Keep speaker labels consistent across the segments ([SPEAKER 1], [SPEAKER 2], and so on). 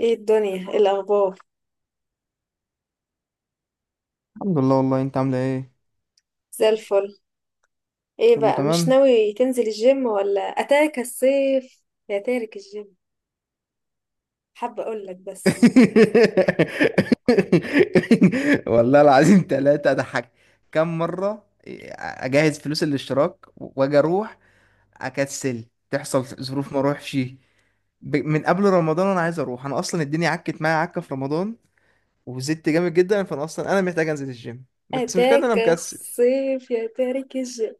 [SPEAKER 1] ايه الدنيا؟ ايه الاخبار؟
[SPEAKER 2] الحمد لله، والله انت عامله ايه؟
[SPEAKER 1] زي الفل. ايه
[SPEAKER 2] كله
[SPEAKER 1] بقى؟ مش
[SPEAKER 2] تمام.
[SPEAKER 1] ناوي تنزل الجيم ولا اتاك الصيف يا تارك الجيم؟ حابه اقول لك بس.
[SPEAKER 2] والله العظيم، ثلاثة أضحك كم مرة. أجهز فلوس الاشتراك وأجي أروح، أكسل تحصل ظروف ما أروحش. من قبل رمضان أنا عايز أروح، أنا أصلا الدنيا عكت معايا عكة في رمضان وزدت جامد جدا، فأنا أصلا أنا محتاج أنزل الجيم، بس مش كده أنا
[SPEAKER 1] اتاك
[SPEAKER 2] مكسل.
[SPEAKER 1] الصيف يا تارك الجيم.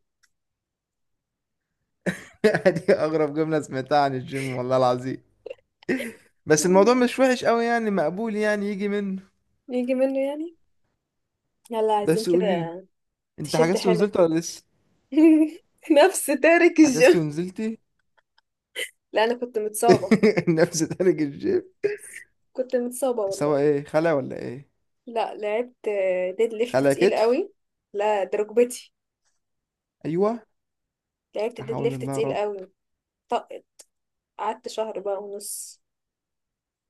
[SPEAKER 2] دي أغرب جملة سمعتها عن الجيم والله العظيم. بس الموضوع
[SPEAKER 1] مم.
[SPEAKER 2] مش وحش قوي يعني، مقبول يعني، يجي منه.
[SPEAKER 1] يجي منه يعني. يلا عايزين
[SPEAKER 2] بس قولي،
[SPEAKER 1] كده.
[SPEAKER 2] انت
[SPEAKER 1] تشد
[SPEAKER 2] حجزت ونزلت
[SPEAKER 1] حيلك.
[SPEAKER 2] ولا لسه؟
[SPEAKER 1] نفس تارك
[SPEAKER 2] حجزت
[SPEAKER 1] الجيم.
[SPEAKER 2] ونزلتي؟
[SPEAKER 1] لا، انا كنت متصابه.
[SPEAKER 2] نفس تلج الجيب
[SPEAKER 1] كنت متصابه والله.
[SPEAKER 2] سوا. ايه، خلع ولا ايه؟
[SPEAKER 1] لا لعبت، ديد ليفت
[SPEAKER 2] خلع
[SPEAKER 1] تقيل
[SPEAKER 2] كتف؟
[SPEAKER 1] قوي. لا ده ركبتي.
[SPEAKER 2] ايوه.
[SPEAKER 1] لعبت
[SPEAKER 2] لا
[SPEAKER 1] ديد
[SPEAKER 2] حول
[SPEAKER 1] ليفت
[SPEAKER 2] الله يا
[SPEAKER 1] تقيل
[SPEAKER 2] رب،
[SPEAKER 1] قوي. طقت. قعدت شهر بقى ونص.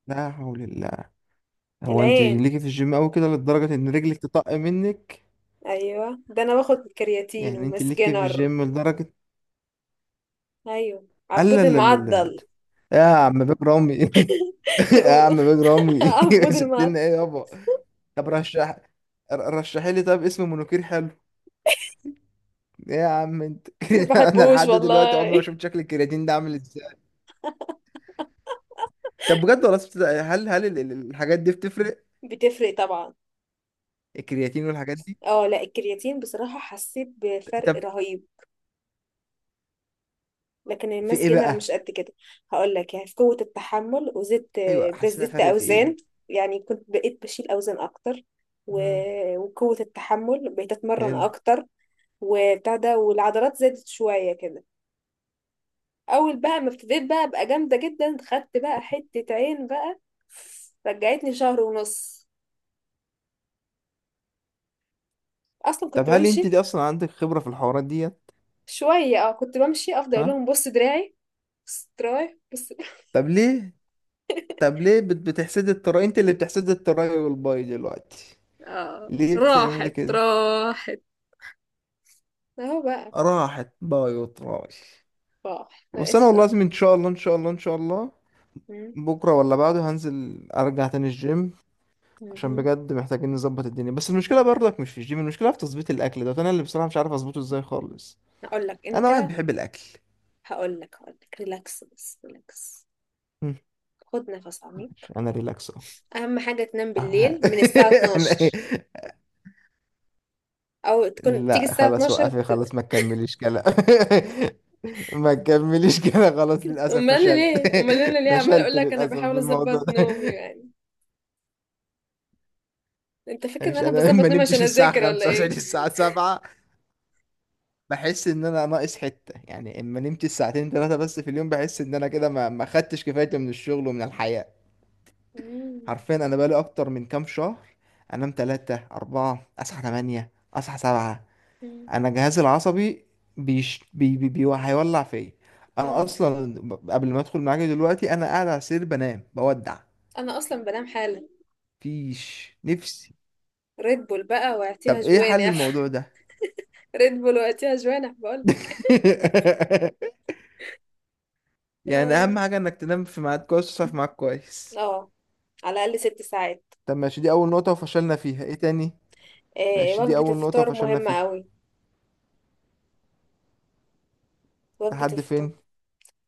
[SPEAKER 2] لا حول الله. هو انت
[SPEAKER 1] العين.
[SPEAKER 2] ليكي في الجيم قوي كده لدرجه ان رجلك تطق منك؟
[SPEAKER 1] ايوه، ده انا باخد كرياتين
[SPEAKER 2] يعني انت ليكي في
[SPEAKER 1] ومسكنر.
[SPEAKER 2] الجيم لدرجه؟
[SPEAKER 1] ايوه،
[SPEAKER 2] لا
[SPEAKER 1] عبود
[SPEAKER 2] لا لا لا لا لا.
[SPEAKER 1] المعضل.
[SPEAKER 2] يا عم بيج رامي، يا عم بيج رامي
[SPEAKER 1] عبود
[SPEAKER 2] سبت
[SPEAKER 1] المعضل.
[SPEAKER 2] لنا ايه يابا؟ طب رشح، رشحي لي طب اسم منوكير حلو، ايه يا عم انت.
[SPEAKER 1] ما
[SPEAKER 2] انا
[SPEAKER 1] بحبوش
[SPEAKER 2] لحد دلوقتي
[SPEAKER 1] والله.
[SPEAKER 2] عمري ما شفت شكل الكرياتين ده عامل ازاي. طب بجد والله، الحاجات دي بتفرق؟
[SPEAKER 1] بتفرق طبعا.
[SPEAKER 2] الكرياتين والحاجات دي؟
[SPEAKER 1] اه، لا الكرياتين بصراحة حسيت بفرق
[SPEAKER 2] طب
[SPEAKER 1] رهيب. لكن
[SPEAKER 2] في
[SPEAKER 1] الماس
[SPEAKER 2] ايه
[SPEAKER 1] جينر مش
[SPEAKER 2] بقى؟
[SPEAKER 1] قد كده. هقول لك، يعني في قوة التحمل وزدت.
[SPEAKER 2] ايوه حاسس انها
[SPEAKER 1] بزدت
[SPEAKER 2] فرق في ايه.
[SPEAKER 1] اوزان. يعني كنت بقيت بشيل اوزان اكتر، و...
[SPEAKER 2] مم.
[SPEAKER 1] وقوة التحمل بقيت اتمرن
[SPEAKER 2] حلو.
[SPEAKER 1] اكتر. وبتاع ده، والعضلات زادت شوية كده. اول بقى ما ابتديت بقى ابقى جامده جدا، خدت بقى حته عين بقى. رجعتني شهر ونص. اصلا
[SPEAKER 2] طب
[SPEAKER 1] كنت
[SPEAKER 2] هل انت
[SPEAKER 1] بمشي
[SPEAKER 2] دي اصلا عندك خبرة في الحوارات ديت؟
[SPEAKER 1] شويه، كنت بمشي، افضل اقول
[SPEAKER 2] ها؟
[SPEAKER 1] لهم بص دراعي. بص دراعي بص.
[SPEAKER 2] طب ليه؟ طب ليه بتحسدي التراي؟ انت اللي بتحسدي التراي والباي دلوقتي؟
[SPEAKER 1] آه
[SPEAKER 2] ليه بتعملي
[SPEAKER 1] راحت
[SPEAKER 2] كده؟
[SPEAKER 1] راحت. اهو بقى.
[SPEAKER 2] راحت باي وتراي.
[SPEAKER 1] راح ما
[SPEAKER 2] بس انا
[SPEAKER 1] بقتش
[SPEAKER 2] والله
[SPEAKER 1] انا.
[SPEAKER 2] لازم ان شاء الله ان شاء الله ان شاء الله
[SPEAKER 1] مم.
[SPEAKER 2] بكرة ولا بعده هنزل ارجع تاني الجيم، عشان
[SPEAKER 1] مم.
[SPEAKER 2] بجد محتاجين نظبط الدنيا. بس المشكله برضك مش في الجيم، المشكله في تظبيط الاكل، ده انا اللي بصراحه مش عارف اظبطه ازاي خالص،
[SPEAKER 1] هقول لك
[SPEAKER 2] انا
[SPEAKER 1] انت.
[SPEAKER 2] واحد بيحب الاكل.
[SPEAKER 1] هقول لك ريلاكس، بس ريلاكس.
[SPEAKER 2] مم.
[SPEAKER 1] خد نفس عميق.
[SPEAKER 2] ماشي انا ريلاكس اهو.
[SPEAKER 1] اهم حاجه تنام
[SPEAKER 2] آه.
[SPEAKER 1] بالليل من الساعه
[SPEAKER 2] أنا إيه؟
[SPEAKER 1] 12 او تكون تيجي
[SPEAKER 2] لا
[SPEAKER 1] الساعه
[SPEAKER 2] خلاص
[SPEAKER 1] 12.
[SPEAKER 2] وقفي خلاص ما تكمليش كلام، ما تكمليش كده خلاص، للاسف
[SPEAKER 1] امال انا
[SPEAKER 2] فشلت.
[SPEAKER 1] ليه امال انا ليه عماله اقول
[SPEAKER 2] فشلت
[SPEAKER 1] لك، انا
[SPEAKER 2] للاسف
[SPEAKER 1] بحاول
[SPEAKER 2] في الموضوع
[SPEAKER 1] اظبط
[SPEAKER 2] ده.
[SPEAKER 1] نومي يعني. انت فاكر ان
[SPEAKER 2] مش
[SPEAKER 1] انا
[SPEAKER 2] انا
[SPEAKER 1] بظبط
[SPEAKER 2] ما
[SPEAKER 1] نومي عشان
[SPEAKER 2] نمتش الساعه
[SPEAKER 1] اذاكر ولا
[SPEAKER 2] 5
[SPEAKER 1] ايه؟
[SPEAKER 2] وصحيت الساعه 7؟ بحس ان انا ناقص حته يعني، اما نمت ساعتين ثلاثه بس في اليوم بحس ان انا كده ما خدتش كفايتي من الشغل ومن الحياه.
[SPEAKER 1] مم.
[SPEAKER 2] حرفيا انا بقالي اكتر من كام شهر انام ثلاثة أربعة، اصحى 8، اصحى 7.
[SPEAKER 1] مم.
[SPEAKER 2] انا جهازي العصبي بيش بي بي بي هيولع فيا. انا
[SPEAKER 1] آه.
[SPEAKER 2] اصلا قبل ما ادخل معاك دلوقتي انا قاعد على السرير بنام بودع،
[SPEAKER 1] انا اصلا بنام حالا.
[SPEAKER 2] فيش نفسي.
[SPEAKER 1] ريد بول بقى واعطيها
[SPEAKER 2] طب ايه حل
[SPEAKER 1] جوانح.
[SPEAKER 2] الموضوع ده؟
[SPEAKER 1] ريد بول واعطيها جوانح بقول.
[SPEAKER 2] يعني
[SPEAKER 1] اه.
[SPEAKER 2] اهم حاجه انك تنام في ميعاد كويس وتصحى في ميعاد كويس.
[SPEAKER 1] آه. على الاقل 6 ساعات.
[SPEAKER 2] طب ماشي، دي أول نقطة وفشلنا فيها، ايه تاني؟
[SPEAKER 1] آه.
[SPEAKER 2] ماشي دي
[SPEAKER 1] وجبه
[SPEAKER 2] أول نقطة
[SPEAKER 1] الفطار
[SPEAKER 2] وفشلنا
[SPEAKER 1] مهمه
[SPEAKER 2] فيها،
[SPEAKER 1] قوي. وجبه
[SPEAKER 2] لحد
[SPEAKER 1] الفطار
[SPEAKER 2] فين؟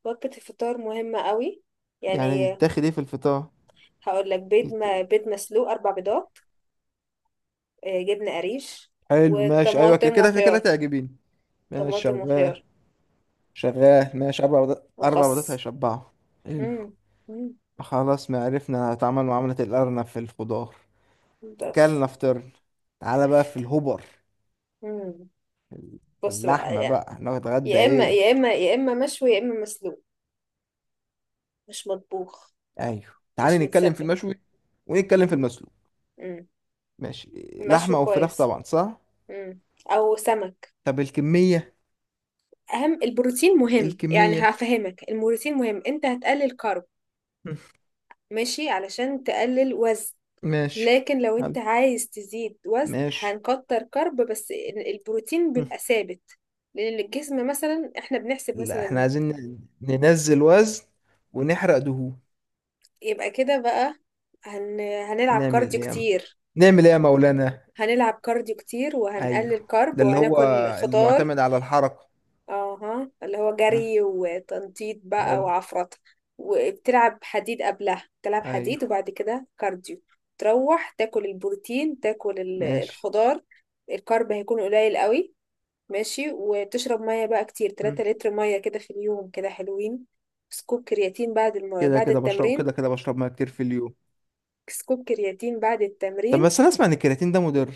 [SPEAKER 1] وجبه الفطار مهمه قوي.
[SPEAKER 2] يعني
[SPEAKER 1] يعني.
[SPEAKER 2] يتاخد ايه في الفطار؟
[SPEAKER 1] هقول لك بيض،
[SPEAKER 2] يت...
[SPEAKER 1] ما بيض مسلوق، اربع بيضات. آه. جبنه قريش.
[SPEAKER 2] حلو ماشي أيوة كده
[SPEAKER 1] وطماطم
[SPEAKER 2] كده كده
[SPEAKER 1] وخيار.
[SPEAKER 2] تعجبين. ماشي
[SPEAKER 1] طماطم
[SPEAKER 2] شغال.
[SPEAKER 1] وخيار.
[SPEAKER 2] شغال ماشي. أربع بيضات، أربع بيضات
[SPEAKER 1] وخس.
[SPEAKER 2] هيشبعوا. حلو.
[SPEAKER 1] مم. مم.
[SPEAKER 2] خلاص، ما عرفنا نتعامل معاملة الأرنب في الخضار،
[SPEAKER 1] بس.
[SPEAKER 2] كلنا فطرنا. تعالى بقى في الهبر،
[SPEAKER 1] مم. بص بقى
[SPEAKER 2] اللحمة
[SPEAKER 1] يعني.
[SPEAKER 2] بقى نتغدى
[SPEAKER 1] يا اما
[SPEAKER 2] ايه؟
[SPEAKER 1] يا اما يا اما مشوي يا اما مسلوق. مش مطبوخ.
[SPEAKER 2] ايوه تعالي
[SPEAKER 1] مش
[SPEAKER 2] نتكلم في
[SPEAKER 1] متسبك.
[SPEAKER 2] المشوي ونتكلم في المسلوق،
[SPEAKER 1] مم.
[SPEAKER 2] ماشي.
[SPEAKER 1] مشوي
[SPEAKER 2] لحمة او فراخ
[SPEAKER 1] كويس.
[SPEAKER 2] طبعا، صح؟
[SPEAKER 1] مم. او سمك.
[SPEAKER 2] طب الكمية،
[SPEAKER 1] اهم البروتين مهم، يعني
[SPEAKER 2] الكمية.
[SPEAKER 1] هفهمك، البروتين مهم، انت هتقلل كارب.
[SPEAKER 2] مم.
[SPEAKER 1] ماشي، علشان تقلل وزن.
[SPEAKER 2] ماشي.
[SPEAKER 1] لكن لو انت
[SPEAKER 2] حلو.
[SPEAKER 1] عايز تزيد وزن
[SPEAKER 2] ماشي.
[SPEAKER 1] هنكتر كارب، بس البروتين
[SPEAKER 2] مم.
[SPEAKER 1] بيبقى ثابت. لان الجسم مثلا احنا بنحسب
[SPEAKER 2] لا احنا
[SPEAKER 1] مثلا.
[SPEAKER 2] عايزين ننزل وزن ونحرق دهون.
[SPEAKER 1] يبقى كده بقى. هنلعب
[SPEAKER 2] نعمل
[SPEAKER 1] كارديو
[SPEAKER 2] ايه يا عم؟
[SPEAKER 1] كتير.
[SPEAKER 2] نعمل ايه يا مولانا؟
[SPEAKER 1] هنلعب كارديو كتير وهنقلل
[SPEAKER 2] ايوه
[SPEAKER 1] كارب
[SPEAKER 2] ده اللي هو،
[SPEAKER 1] وهناكل
[SPEAKER 2] اللي
[SPEAKER 1] خضار.
[SPEAKER 2] معتمد على الحركة.
[SPEAKER 1] اها، اللي هو
[SPEAKER 2] مم.
[SPEAKER 1] جري وتنطيط بقى
[SPEAKER 2] حلو.
[SPEAKER 1] وعفرطة. وبتلعب حديد قبلها، بتلعب حديد،
[SPEAKER 2] ايوه.
[SPEAKER 1] وبعد كده كارديو. تروح تاكل البروتين، تاكل
[SPEAKER 2] ماشي.
[SPEAKER 1] الخضار. الكارب هيكون قليل قوي. ماشي، وتشرب مية بقى كتير، 3
[SPEAKER 2] مم.
[SPEAKER 1] لتر مية كده في اليوم، كده حلوين. سكوب كرياتين بعد بعد التمرين.
[SPEAKER 2] كده كده بشرب ميه كتير في اليوم.
[SPEAKER 1] سكوب كرياتين بعد
[SPEAKER 2] طب
[SPEAKER 1] التمرين.
[SPEAKER 2] بس انا اسمع ان الكرياتين ده مضر،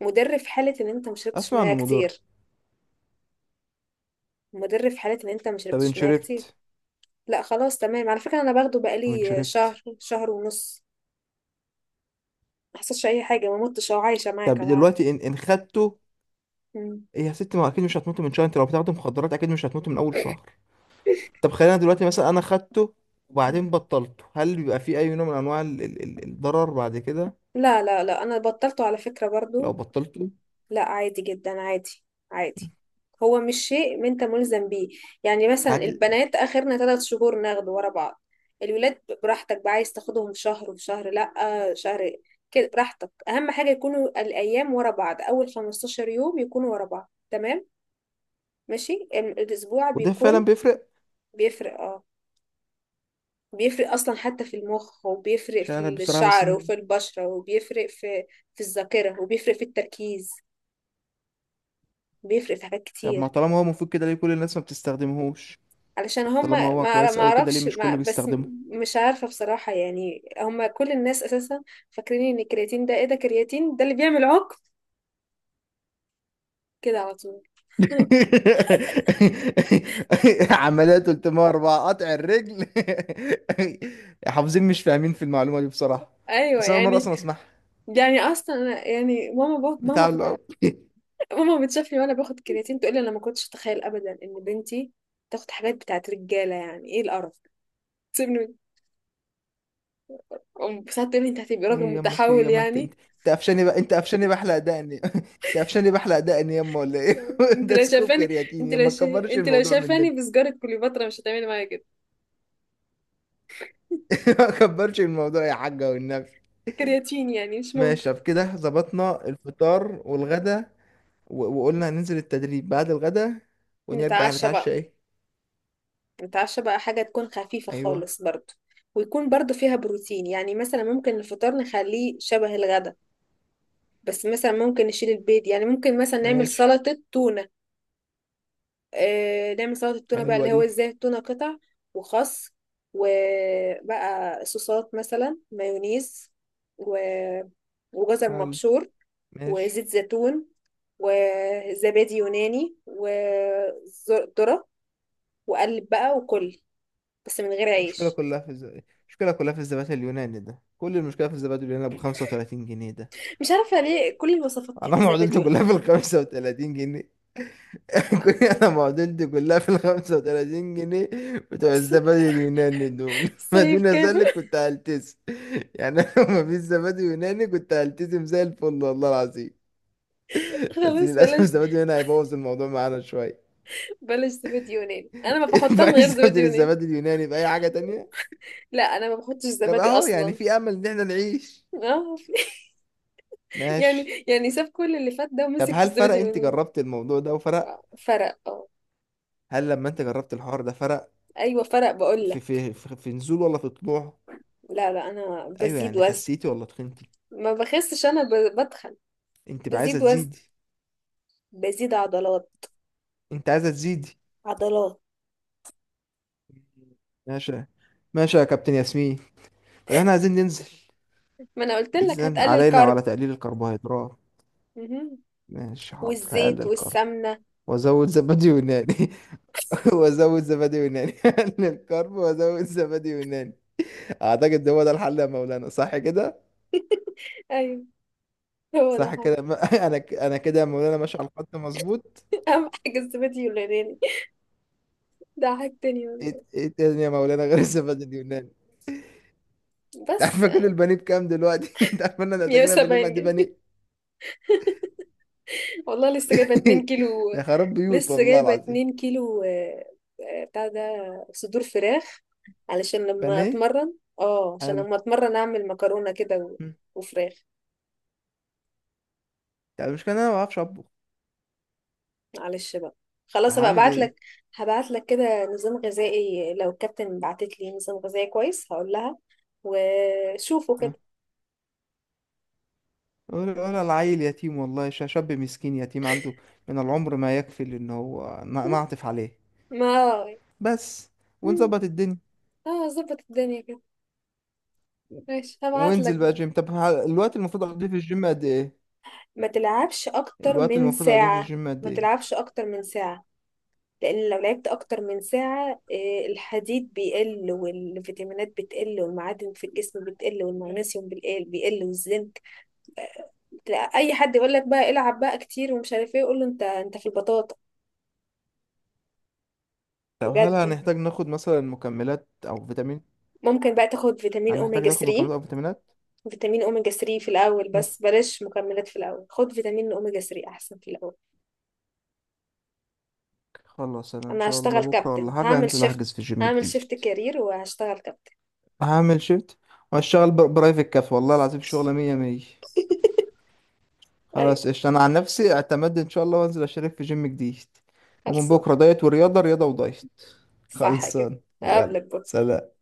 [SPEAKER 1] مدر في حالة ان انت مشربتش
[SPEAKER 2] اسمع
[SPEAKER 1] مياه
[SPEAKER 2] انه مضر.
[SPEAKER 1] كتير. مدر في حالة ان انت
[SPEAKER 2] طب ان
[SPEAKER 1] مشربتش مياه كتير.
[SPEAKER 2] شربت؟
[SPEAKER 1] لا خلاص، تمام، على فكرة انا باخده
[SPEAKER 2] وان
[SPEAKER 1] بقالي
[SPEAKER 2] شربت؟
[SPEAKER 1] شهر، شهر ونص. ما حصلش اي حاجة، ما متش او عايشة معاك
[SPEAKER 2] طب
[SPEAKER 1] اهو، عادي.
[SPEAKER 2] دلوقتي ان خدته،
[SPEAKER 1] مم.
[SPEAKER 2] إيه يا ست؟ ما اكيد مش هتموت من شهر، انت لو بتاخد مخدرات اكيد مش هتموت من اول شهر. طب خلينا دلوقتي مثلا انا خدته
[SPEAKER 1] مم.
[SPEAKER 2] وبعدين بطلته، هل بيبقى فيه اي نوع من انواع الضرر بعد كده؟
[SPEAKER 1] لا لا لا، انا بطلته على فكرة
[SPEAKER 2] لو
[SPEAKER 1] برضو.
[SPEAKER 2] بطلته.
[SPEAKER 1] لا، عادي جدا، عادي. عادي. هو مش شيء ما انت ملزم بيه. يعني مثلا
[SPEAKER 2] عادي.
[SPEAKER 1] البنات اخرنا 3 شهور ناخده ورا بعض. الولاد براحتك بقى، عايز تاخدهم في شهر وفي شهر لا. شهر. كده براحتك، اهم حاجة يكونوا الايام ورا بعض، اول 15 يوم يكونوا ورا بعض، تمام. ماشي، الاسبوع
[SPEAKER 2] وده فعلا
[SPEAKER 1] بيكون.
[SPEAKER 2] بيفرق؟
[SPEAKER 1] بيفرق اه. بيفرق اصلا، حتى في المخ وبيفرق
[SPEAKER 2] عشان انا
[SPEAKER 1] في
[SPEAKER 2] بصراحة بس
[SPEAKER 1] الشعر وفي البشرة وبيفرق في الذاكرة وبيفرق في التركيز. بيفرق في حاجات
[SPEAKER 2] طب ما
[SPEAKER 1] كتير.
[SPEAKER 2] طالما هو مفيد كده ليه كل الناس ما بتستخدمهوش؟
[SPEAKER 1] علشان
[SPEAKER 2] طب طالما
[SPEAKER 1] هما،
[SPEAKER 2] هو كويس
[SPEAKER 1] ما
[SPEAKER 2] قوي كده ليه
[SPEAKER 1] اعرفش،
[SPEAKER 2] مش
[SPEAKER 1] ما
[SPEAKER 2] كله
[SPEAKER 1] بس
[SPEAKER 2] بيستخدمه؟
[SPEAKER 1] م- مش عارفة بصراحة. يعني هما كل الناس اساسا فاكرين ان الكرياتين ده ايه، ده كرياتين ده اللي بيعمل عقم كده على طول.
[SPEAKER 2] عملية 304 قطع الرجل. حافظين مش فاهمين في المعلومة دي بصراحة.
[SPEAKER 1] ايوه
[SPEAKER 2] بس انا أول مرة
[SPEAKER 1] يعني.
[SPEAKER 2] اصلا اسمعها.
[SPEAKER 1] يعني اصلا أنا يعني
[SPEAKER 2] بتاع الأرض.
[SPEAKER 1] ماما بتشوفني وانا باخد كرياتين، تقول لي انا ما كنتش اتخيل ابدا ان بنتي تاخد حاجات بتاعت رجاله، يعني ايه القرف، تسيبني. ساعات تقول لي انت هتبقي راجل
[SPEAKER 2] ايه يما؟ في إيه
[SPEAKER 1] متحول
[SPEAKER 2] يما؟ انت انت
[SPEAKER 1] يعني.
[SPEAKER 2] انت قفشاني بقى، انت قفشاني بحلق دقني؟ انت قفشاني بحلق دقني يما ولا ايه؟
[SPEAKER 1] انت
[SPEAKER 2] ده
[SPEAKER 1] لو
[SPEAKER 2] سكوب
[SPEAKER 1] شايفاني،
[SPEAKER 2] كرياتين
[SPEAKER 1] انت
[SPEAKER 2] يما،
[SPEAKER 1] لو
[SPEAKER 2] ما
[SPEAKER 1] شا...
[SPEAKER 2] تكبرش
[SPEAKER 1] انت لو
[SPEAKER 2] الموضوع
[SPEAKER 1] شايفاني
[SPEAKER 2] مننا.
[SPEAKER 1] بسجاره كليوباترا مش هتعملي معايا كده.
[SPEAKER 2] ما تكبرش الموضوع يا حاجة والنبي.
[SPEAKER 1] كرياتين يعني مش ممكن.
[SPEAKER 2] ماشي طب كده ظبطنا الفطار والغدا، وقلنا هننزل التدريب بعد الغدا ونرجع
[SPEAKER 1] نتعشى
[SPEAKER 2] نتعشى
[SPEAKER 1] بقى.
[SPEAKER 2] ايه؟
[SPEAKER 1] نتعشى بقى حاجة تكون خفيفة
[SPEAKER 2] ايوه.
[SPEAKER 1] خالص برضو. ويكون برضو فيها بروتين، يعني مثلا ممكن الفطار نخليه شبه الغدا. بس مثلا ممكن نشيل البيض، يعني ممكن مثلا نعمل
[SPEAKER 2] ماشي.
[SPEAKER 1] سلطة تونة. آه نعمل سلطة تونة بقى،
[SPEAKER 2] حلوة
[SPEAKER 1] اللي هو
[SPEAKER 2] دي.
[SPEAKER 1] ازاي، التونة قطع. وخس. وبقى صوصات مثلا مايونيز و... وجزر
[SPEAKER 2] حلو.
[SPEAKER 1] مبشور.
[SPEAKER 2] ماشي.
[SPEAKER 1] وزيت زيتون. وزبادي يوناني. وذرة. وقلب بقى وكل. بس من غير
[SPEAKER 2] المشكلة
[SPEAKER 1] عيش.
[SPEAKER 2] كلها في المشكلة كلها في الزبادي اليوناني ده، كل المشكلة في الزبادي اليوناني ب 35 جنيه ده.
[SPEAKER 1] مش عارفة ليه كل الوصفات
[SPEAKER 2] انا
[SPEAKER 1] كانت زبادي
[SPEAKER 2] معضلته كلها
[SPEAKER 1] يوناني.
[SPEAKER 2] في ال 35 جنيه. كل
[SPEAKER 1] آه.
[SPEAKER 2] انا معدلتي كلها في ال 35 جنيه بتوع الزبادي اليوناني دول. ما
[SPEAKER 1] سيف
[SPEAKER 2] دون
[SPEAKER 1] كامل.
[SPEAKER 2] ذلك كنت هلتزم يعني. انا لو ما فيش زبادي يوناني كنت هلتزم زي الفل والله العظيم، بس
[SPEAKER 1] خلاص
[SPEAKER 2] للاسف
[SPEAKER 1] بلاش.
[SPEAKER 2] الزبادي اليوناني هيبوظ الموضوع معانا شويه.
[SPEAKER 1] بلاش زبادي يوناني، انا ما بحطها من
[SPEAKER 2] فعايز
[SPEAKER 1] غير زبادي
[SPEAKER 2] استبدل
[SPEAKER 1] يوناني.
[SPEAKER 2] الزبادي اليوناني باي حاجه تانية.
[SPEAKER 1] لا انا ما بحطش
[SPEAKER 2] طب
[SPEAKER 1] زبادي
[SPEAKER 2] اهو يعني
[SPEAKER 1] اصلا.
[SPEAKER 2] في امل ان احنا نعيش.
[SPEAKER 1] اه.
[SPEAKER 2] ماشي.
[SPEAKER 1] يعني ساب كل اللي فات ده
[SPEAKER 2] طب
[SPEAKER 1] ومسك في
[SPEAKER 2] هل فرق؟
[SPEAKER 1] الزبادي
[SPEAKER 2] انت
[SPEAKER 1] اليوناني.
[SPEAKER 2] جربت الموضوع ده وفرق؟
[SPEAKER 1] آه، فرق اه.
[SPEAKER 2] هل لما انت جربت الحوار ده فرق؟
[SPEAKER 1] ايوه فرق بقول
[SPEAKER 2] في
[SPEAKER 1] لك.
[SPEAKER 2] في في, في نزول ولا في طلوع؟
[SPEAKER 1] لا لا، انا
[SPEAKER 2] ايوه
[SPEAKER 1] بزيد
[SPEAKER 2] يعني
[SPEAKER 1] وزن.
[SPEAKER 2] خسيتي ولا تخنتي؟
[SPEAKER 1] ما بخسش، انا بتخن.
[SPEAKER 2] انت بقى عايزه
[SPEAKER 1] بزيد وزن.
[SPEAKER 2] تزيدي؟
[SPEAKER 1] بزيد عضلات.
[SPEAKER 2] انت عايزة تزيدي؟
[SPEAKER 1] عضلات.
[SPEAKER 2] ماشي. ماشي يا كابتن ياسمين. طب احنا عايزين ننزل،
[SPEAKER 1] ما انا قلت لك
[SPEAKER 2] اذا
[SPEAKER 1] هتقلل
[SPEAKER 2] علينا
[SPEAKER 1] كارب.
[SPEAKER 2] وعلى تقليل الكربوهيدرات.
[SPEAKER 1] مهم.
[SPEAKER 2] ماشي حاضر
[SPEAKER 1] والزيت
[SPEAKER 2] هقلل كرب
[SPEAKER 1] والسمنه.
[SPEAKER 2] وازود زبادي يوناني. وازود زبادي يوناني. هقلل كرب وازود زبادي يوناني، اعتقد ده هو ده الحل يا مولانا، صح كده؟
[SPEAKER 1] ايوه هو ده.
[SPEAKER 2] صح كده انا انا كده يا مولانا ماشي على الخط مظبوط.
[SPEAKER 1] أهم حاجة الزبادي واليوناني. ده حاجة تانية والله.
[SPEAKER 2] ايه، ايه تاني يا مولانا غير الزبادي اليوناني؟ انت
[SPEAKER 1] بس
[SPEAKER 2] عارفه كل البانيه بكام دلوقتي؟ انت عارفه ان احنا محتاجينها في اليوم
[SPEAKER 1] 170
[SPEAKER 2] قد ايه بانيه؟
[SPEAKER 1] جنيه والله لسه جايبة 2 كيلو.
[SPEAKER 2] ده خراب بيوت
[SPEAKER 1] لسه
[SPEAKER 2] والله
[SPEAKER 1] جايبة
[SPEAKER 2] العظيم.
[SPEAKER 1] 2 كيلو، آه. آه، بتاع ده. صدور فراخ. علشان لما
[SPEAKER 2] بانيه.
[SPEAKER 1] أتمرن. اه، عشان
[SPEAKER 2] حلو.
[SPEAKER 1] لما أتمرن أعمل مكرونة كده
[SPEAKER 2] مم.
[SPEAKER 1] وفراخ.
[SPEAKER 2] يعني المشكلة إن أنا ما بعرفش أطبخ،
[SPEAKER 1] معلش بقى. خلاص هبقى
[SPEAKER 2] هعمل إيه؟
[SPEAKER 1] ابعتلك. هبعتلك كده نظام غذائي، لو الكابتن بعتت لي نظام غذائي كويس هقول لها. وشوفوا
[SPEAKER 2] ها؟
[SPEAKER 1] كده.
[SPEAKER 2] ولا العيل يتيم والله، شاب مسكين يتيم عنده من العمر ما يكفي إن هو نعطف عليه
[SPEAKER 1] ما.
[SPEAKER 2] بس، ونظبط الدنيا.
[SPEAKER 1] اه، ظبط الدنيا كده. ماشي هبعت لك
[SPEAKER 2] وانزل بقى
[SPEAKER 1] بقى.
[SPEAKER 2] جيم، طب الوقت المفروض أقضيه في الجيم قد إيه؟
[SPEAKER 1] ما تلعبش اكتر
[SPEAKER 2] الوقت
[SPEAKER 1] من
[SPEAKER 2] المفروض أقضيه في
[SPEAKER 1] ساعة.
[SPEAKER 2] الجيم قد
[SPEAKER 1] ما
[SPEAKER 2] إيه؟
[SPEAKER 1] تلعبش اكتر من ساعة. لان لو لعبت اكتر من ساعة، آه، الحديد بيقل والفيتامينات بتقل والمعادن في الجسم بتقل والمغنيسيوم بيقل بيقل والزنك. تلاقي اي حد يقول لك بقى العب بقى كتير ومش عارف ايه، يقول له انت في البطاطا.
[SPEAKER 2] طب هل
[SPEAKER 1] بجد.
[SPEAKER 2] هنحتاج ناخد مثلا مكملات أو فيتامين؟
[SPEAKER 1] ممكن بقى تاخد فيتامين
[SPEAKER 2] هنحتاج
[SPEAKER 1] اوميجا
[SPEAKER 2] ناخد مكملات
[SPEAKER 1] 3.
[SPEAKER 2] أو فيتامينات؟
[SPEAKER 1] فيتامين اوميجا 3 في الاول،
[SPEAKER 2] مم.
[SPEAKER 1] بس بلاش مكملات في الاول، خد فيتامين اوميجا 3 احسن في الاول.
[SPEAKER 2] خلاص أنا إن
[SPEAKER 1] انا
[SPEAKER 2] شاء الله
[SPEAKER 1] هشتغل
[SPEAKER 2] بكرة ولا
[SPEAKER 1] كابتن،
[SPEAKER 2] حاجة
[SPEAKER 1] هعمل
[SPEAKER 2] هنزل
[SPEAKER 1] شيفت.
[SPEAKER 2] أحجز في الجيم
[SPEAKER 1] هعمل
[SPEAKER 2] جديد.
[SPEAKER 1] شيفت كارير وهشتغل كابتن.
[SPEAKER 2] هعمل شيفت وهشتغل برايفت كاف والله العظيم، شغلة مية مية.
[SPEAKER 1] ايوه
[SPEAKER 2] خلاص قشطة، انا عن نفسي اعتمدت ان شاء الله وانزل اشترك في جيم جديد ومن
[SPEAKER 1] خلصان.
[SPEAKER 2] بكره دايت ورياضه، رياضه ودايت،
[SPEAKER 1] صح كده.
[SPEAKER 2] خلصان يلا
[SPEAKER 1] اقابلك بكرة.
[SPEAKER 2] سلام.